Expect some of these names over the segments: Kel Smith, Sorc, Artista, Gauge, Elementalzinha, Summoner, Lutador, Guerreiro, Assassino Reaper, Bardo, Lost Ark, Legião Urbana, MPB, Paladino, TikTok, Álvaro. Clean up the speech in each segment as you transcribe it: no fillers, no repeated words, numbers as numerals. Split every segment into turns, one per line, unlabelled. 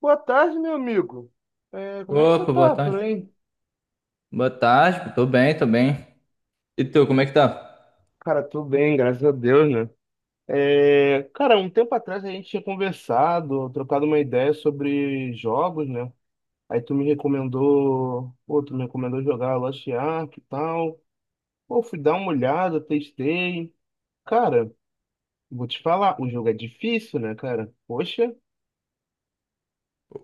Boa tarde, meu amigo. Como é que você
Opa, boa
tá por
tarde.
aí?
Boa tarde, tô bem, tô bem. E tu, como é que tá?
Cara, tudo bem, graças a Deus, né? É, cara, um tempo atrás a gente tinha conversado, trocado uma ideia sobre jogos, né? Aí tu me recomendou jogar Lost Ark e tal. Pô, fui dar uma olhada, testei. Cara, vou te falar, o jogo é difícil, né, cara? Poxa.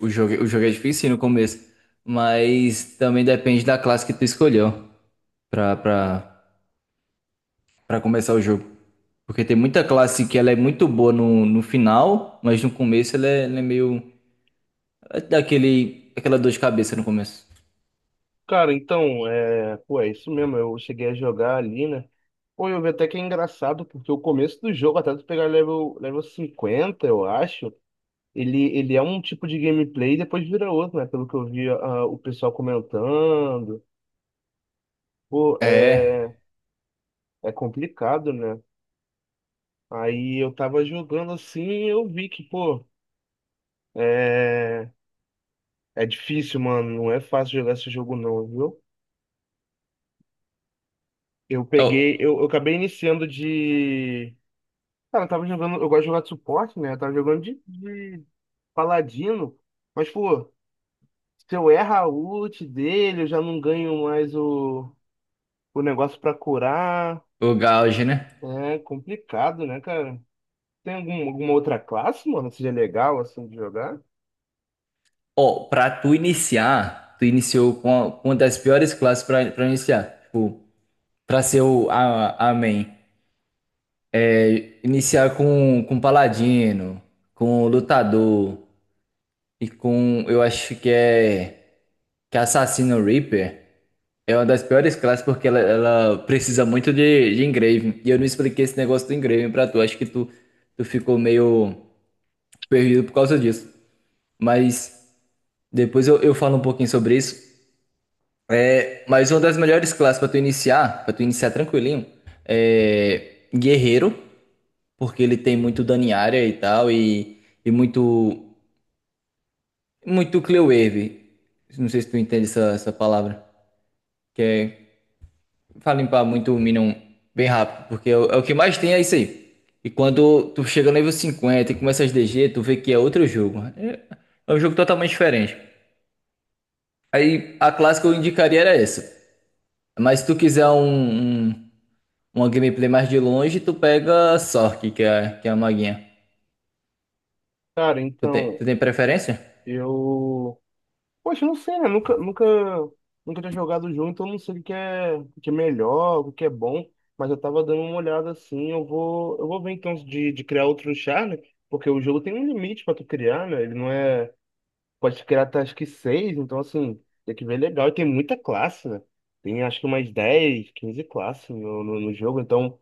O jogo é difícil no começo, mas também depende da classe que tu escolheu pra, pra, pra começar o jogo. Porque tem muita classe que ela é muito boa no final, mas no começo ela é meio... ela dá aquela dor de cabeça no começo.
Cara, então, pô, é isso mesmo. Eu cheguei a jogar ali, né? Pô, eu vi até que é engraçado, porque o começo do jogo, até tu pegar level 50 eu acho, ele é um tipo de gameplay e depois vira outro, né? Pelo que eu vi, o pessoal comentando. Pô, é,
É.
é complicado, né? Aí eu tava jogando assim e eu vi que, pô, é, é difícil, mano. Não é fácil jogar esse jogo, não, viu? Eu
Ó,
peguei, eu acabei iniciando. Cara, eu tava jogando. Eu gosto de jogar de suporte, né? Eu tava jogando de paladino. Mas, pô, se eu erro a ult dele, eu já não ganho mais o negócio pra curar.
o Gauge, né?
É complicado, né, cara? Tem alguma outra classe, mano, que seja legal, assim, de jogar?
Ó, pra tu iniciar, tu iniciou com uma das piores classes pra iniciar. Tipo, pra ser a main. Iniciar com Paladino, com Lutador e com, eu acho que é Assassino Reaper. É uma das piores classes porque ela precisa muito de engrave. E eu não expliquei esse negócio do engrave pra tu. Acho que tu ficou meio perdido por causa disso. Mas depois eu falo um pouquinho sobre isso. É, mas uma das melhores classes pra tu iniciar tranquilinho, é Guerreiro, porque ele tem muito dano em área e tal, e muito. Muito clear wave. Não sei se tu entende essa palavra. Que é pra limpar muito o Minion bem rápido. Porque é o que mais tem é isso aí. E quando tu chega no nível 50 e começa as DG, tu vê que é outro jogo. É, é um jogo totalmente diferente. Aí a classe que eu indicaria era essa. Mas se tu quiser uma gameplay mais de longe, tu pega a Sorc, que é a maguinha.
Cara, então,
Tu tem preferência?
eu. Poxa, não sei, né? Nunca tinha jogado junto, então eu não sei o que é melhor, o que é bom, mas eu tava dando uma olhada assim, eu vou ver então de criar outro char, né? Porque o jogo tem um limite pra tu criar, né? Ele não é, pode criar até acho que seis, então assim, tem que ver legal, e tem muita classe, né? Tem acho que umas 10 15 classes no jogo, então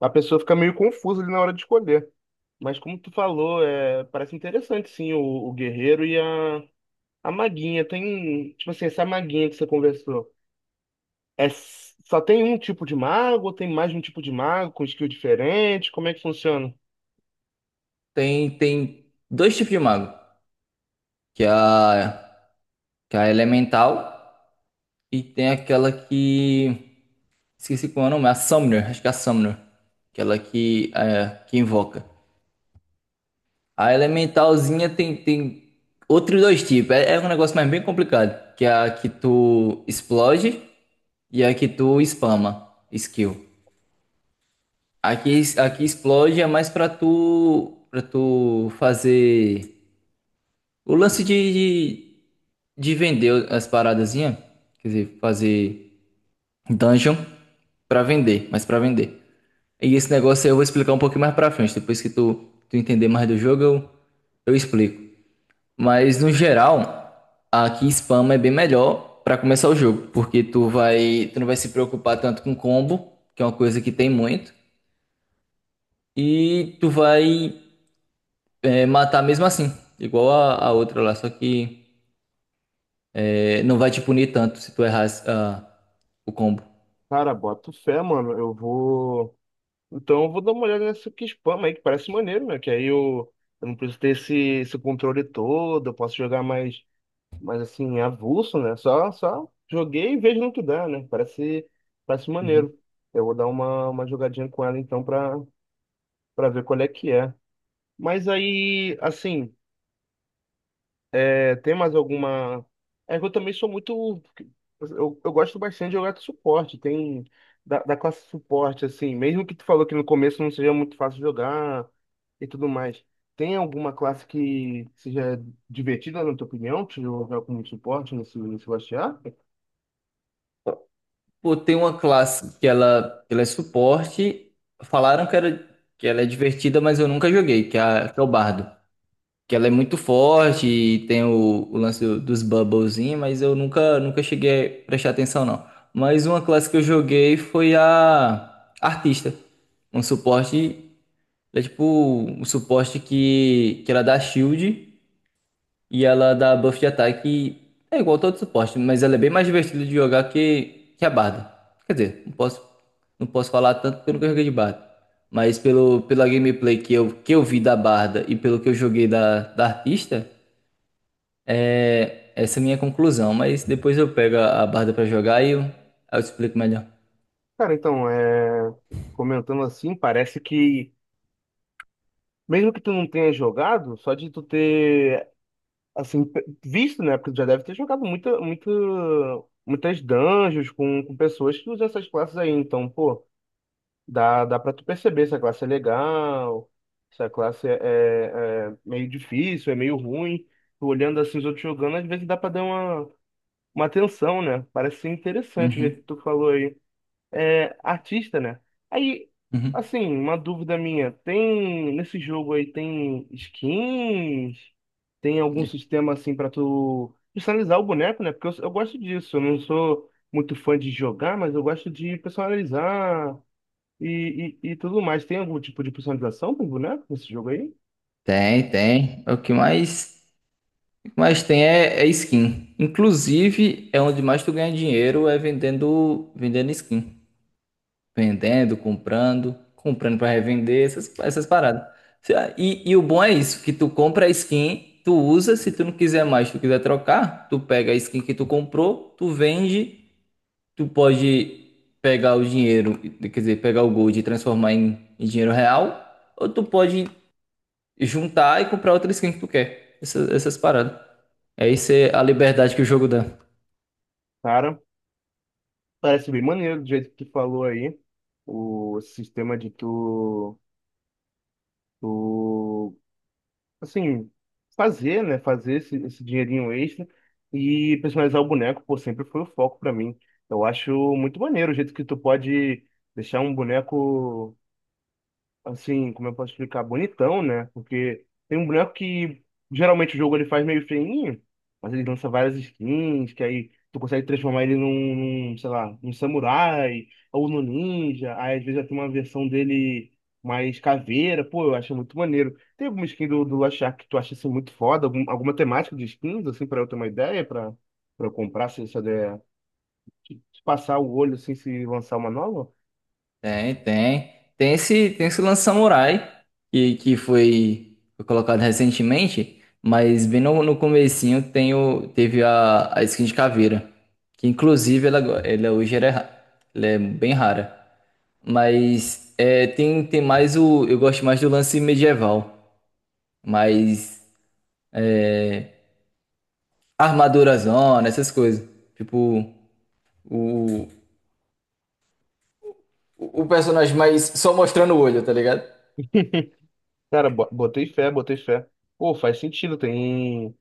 a pessoa fica meio confusa ali na hora de escolher. Mas como tu falou, parece interessante sim o, guerreiro e a maguinha tem, tipo assim, essa maguinha que você conversou. Só tem um tipo de mago ou tem mais de um tipo de mago com skill diferente? Como é que funciona?
Tem, tem dois tipos de mago. Que é a, que é a elemental. E tem aquela que... Esqueci qual é o nome, a Summoner, acho que é a Summoner. Aquela que, é, que invoca. A Elementalzinha tem, tem outros dois tipos. É, é um negócio mais bem complicado. Que é a que tu explode e a que tu spama skill. Aqui explode é mais pra tu fazer o lance de vender as paradazinhas. Quer dizer, fazer Dungeon pra vender, mas pra vender. E esse negócio aí eu vou explicar um pouquinho mais pra frente. Depois que tu entender mais do jogo, eu explico. Mas no geral, aqui spam é bem melhor pra começar o jogo, porque tu não vai se preocupar tanto com combo, que é uma coisa que tem muito, e tu vai é, matar mesmo assim, igual a outra lá, só que é, não vai te punir tanto se tu errar o combo.
Cara, bota fé, mano. Eu vou. Então eu vou dar uma olhada nessa que spam aí, que parece maneiro, né? Que aí eu não preciso ter esse controle todo, eu posso jogar mais assim, avulso, né? Só joguei e vejo no que dá, né? Parece maneiro. Eu vou dar uma jogadinha com ela então pra ver qual é que é. Mas aí, assim. Tem mais alguma. É que eu também sou muito. Eu gosto bastante de jogar de suporte. Tem da classe suporte, assim. Mesmo que tu falou que no começo não seja muito fácil jogar e tudo mais. Tem alguma classe que seja divertida, na tua opinião, de jogar como suporte nesse bastiar?
Pô, tem uma classe que ela é suporte. Falaram que, era, que ela é divertida, mas eu nunca joguei, que é, que é o Bardo. Que ela é muito forte e tem o lance dos bubblezinhos, mas eu nunca, nunca cheguei a prestar atenção, não. Mas uma classe que eu joguei foi a Artista. Um suporte, é tipo um suporte que ela dá shield. E ela dá buff de ataque é igual todo suporte, mas ela é bem mais divertida de jogar que a Barda. Quer dizer, não posso falar tanto pelo que eu joguei de Barda. Mas pela gameplay que eu vi da Barda e pelo que eu joguei da artista, é, essa é a minha conclusão. Mas depois eu pego a Barda pra jogar e eu, aí eu explico melhor.
Cara, então, comentando assim, parece que. Mesmo que tu não tenha jogado, só de tu ter assim, visto, né? Porque já deve ter jogado muitas dungeons com pessoas que usam essas classes aí. Então, pô, dá pra tu perceber se a classe é legal, se a classe é meio difícil, é meio ruim. Tu olhando assim os outros jogando, às vezes dá pra dar uma atenção, né? Parece ser interessante o jeito que
Uhum,
tu falou aí, artista, né? Aí,
uhum.
assim, uma dúvida minha, tem nesse jogo aí tem skins, tem algum
É.
sistema assim pra tu personalizar o boneco, né? Porque eu gosto disso, eu não sou muito fã de jogar, mas eu gosto de personalizar e tudo mais. Tem algum tipo de personalização pro boneco nesse jogo aí?
Tem, tem. O que mais tem é, é skin. Inclusive, é onde mais tu ganha dinheiro é vendendo, vendendo skin, vendendo, comprando, comprando para revender, essas, essas paradas. E o bom é isso, que tu compra a skin, tu usa, se tu não quiser mais, tu quiser trocar, tu pega a skin que tu comprou, tu vende, tu pode pegar o dinheiro, quer dizer, pegar o gold e transformar em, em dinheiro real, ou tu pode juntar e comprar outra skin que tu quer. Essas, essas paradas. É, isso é a liberdade que o jogo dá.
Cara, parece bem maneiro do jeito que tu falou aí, o sistema de tu assim, fazer, né? Fazer esse dinheirinho extra e personalizar o boneco, pô, sempre foi o foco pra mim. Eu acho muito maneiro o jeito que tu pode deixar um boneco assim, como eu posso explicar, bonitão, né? Porque tem um boneco que geralmente o jogo ele faz meio feinho, mas ele lança várias skins, que aí tu consegue transformar ele sei lá, num samurai ou num ninja. Aí às vezes já tem uma versão dele mais caveira, pô, eu acho muito maneiro. Tem alguma skin do Last Shark que tu acha assim muito foda? Alguma temática de skins, assim, pra eu ter uma ideia, pra eu comprar, se eu der, se passar o olho, assim, se lançar uma nova?
Tem, tem. Tem esse lance Samurai, que foi, foi colocado recentemente, mas bem no comecinho tem o, teve a skin de caveira, que inclusive ela, ela hoje ela é, ela é bem rara. Mas é, tem, tem mais o... Eu gosto mais do lance medieval, mas armadura zona, essas coisas. Tipo, o, o personagem mais só mostrando o olho, tá ligado?
Cara, botei fé, botei fé. Pô, faz sentido, tem.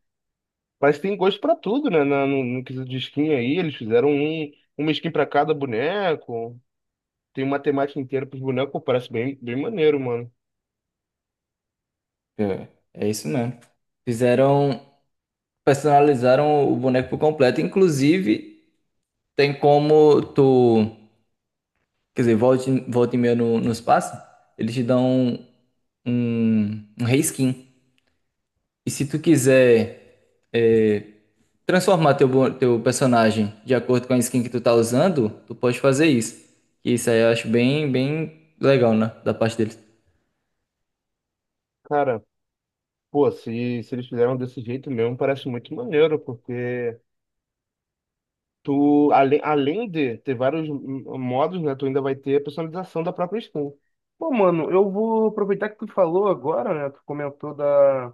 mas tem gosto pra tudo, né? No quesito de skin aí, eles fizeram uma skin pra cada boneco. Tem uma temática inteira pros bonecos, pô, parece bem, bem maneiro, mano.
É, é isso mesmo. Fizeram, personalizaram o boneco por completo. Inclusive, tem como tu, quer dizer, volta, volta e meia no espaço, eles te dão um reskin. E se tu quiser é, transformar teu, teu personagem de acordo com a skin que tu tá usando, tu pode fazer isso. E isso aí eu acho bem, bem legal, né? Da parte deles.
Cara, pô, se eles fizeram desse jeito mesmo, parece muito maneiro, porque tu, além de ter vários modos, né? Tu ainda vai ter a personalização da própria skin. Pô, mano, eu vou aproveitar que tu falou agora, né? Tu comentou da.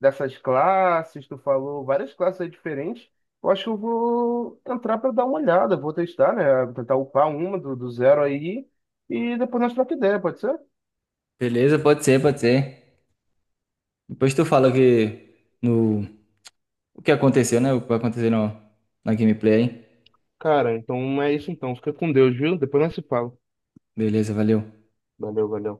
Dessas classes, tu falou várias classes aí diferentes. Eu acho que eu vou entrar para dar uma olhada, vou testar, né? Tentar upar uma do zero aí e depois nós troca ideia, pode ser?
Beleza, pode ser, pode ser. Depois tu fala que no, o que aconteceu, né? O que vai acontecer no, na gameplay, hein?
Cara, então é isso então. Fica com Deus, viu? Depois nós se fala.
Beleza, valeu.
Valeu, valeu.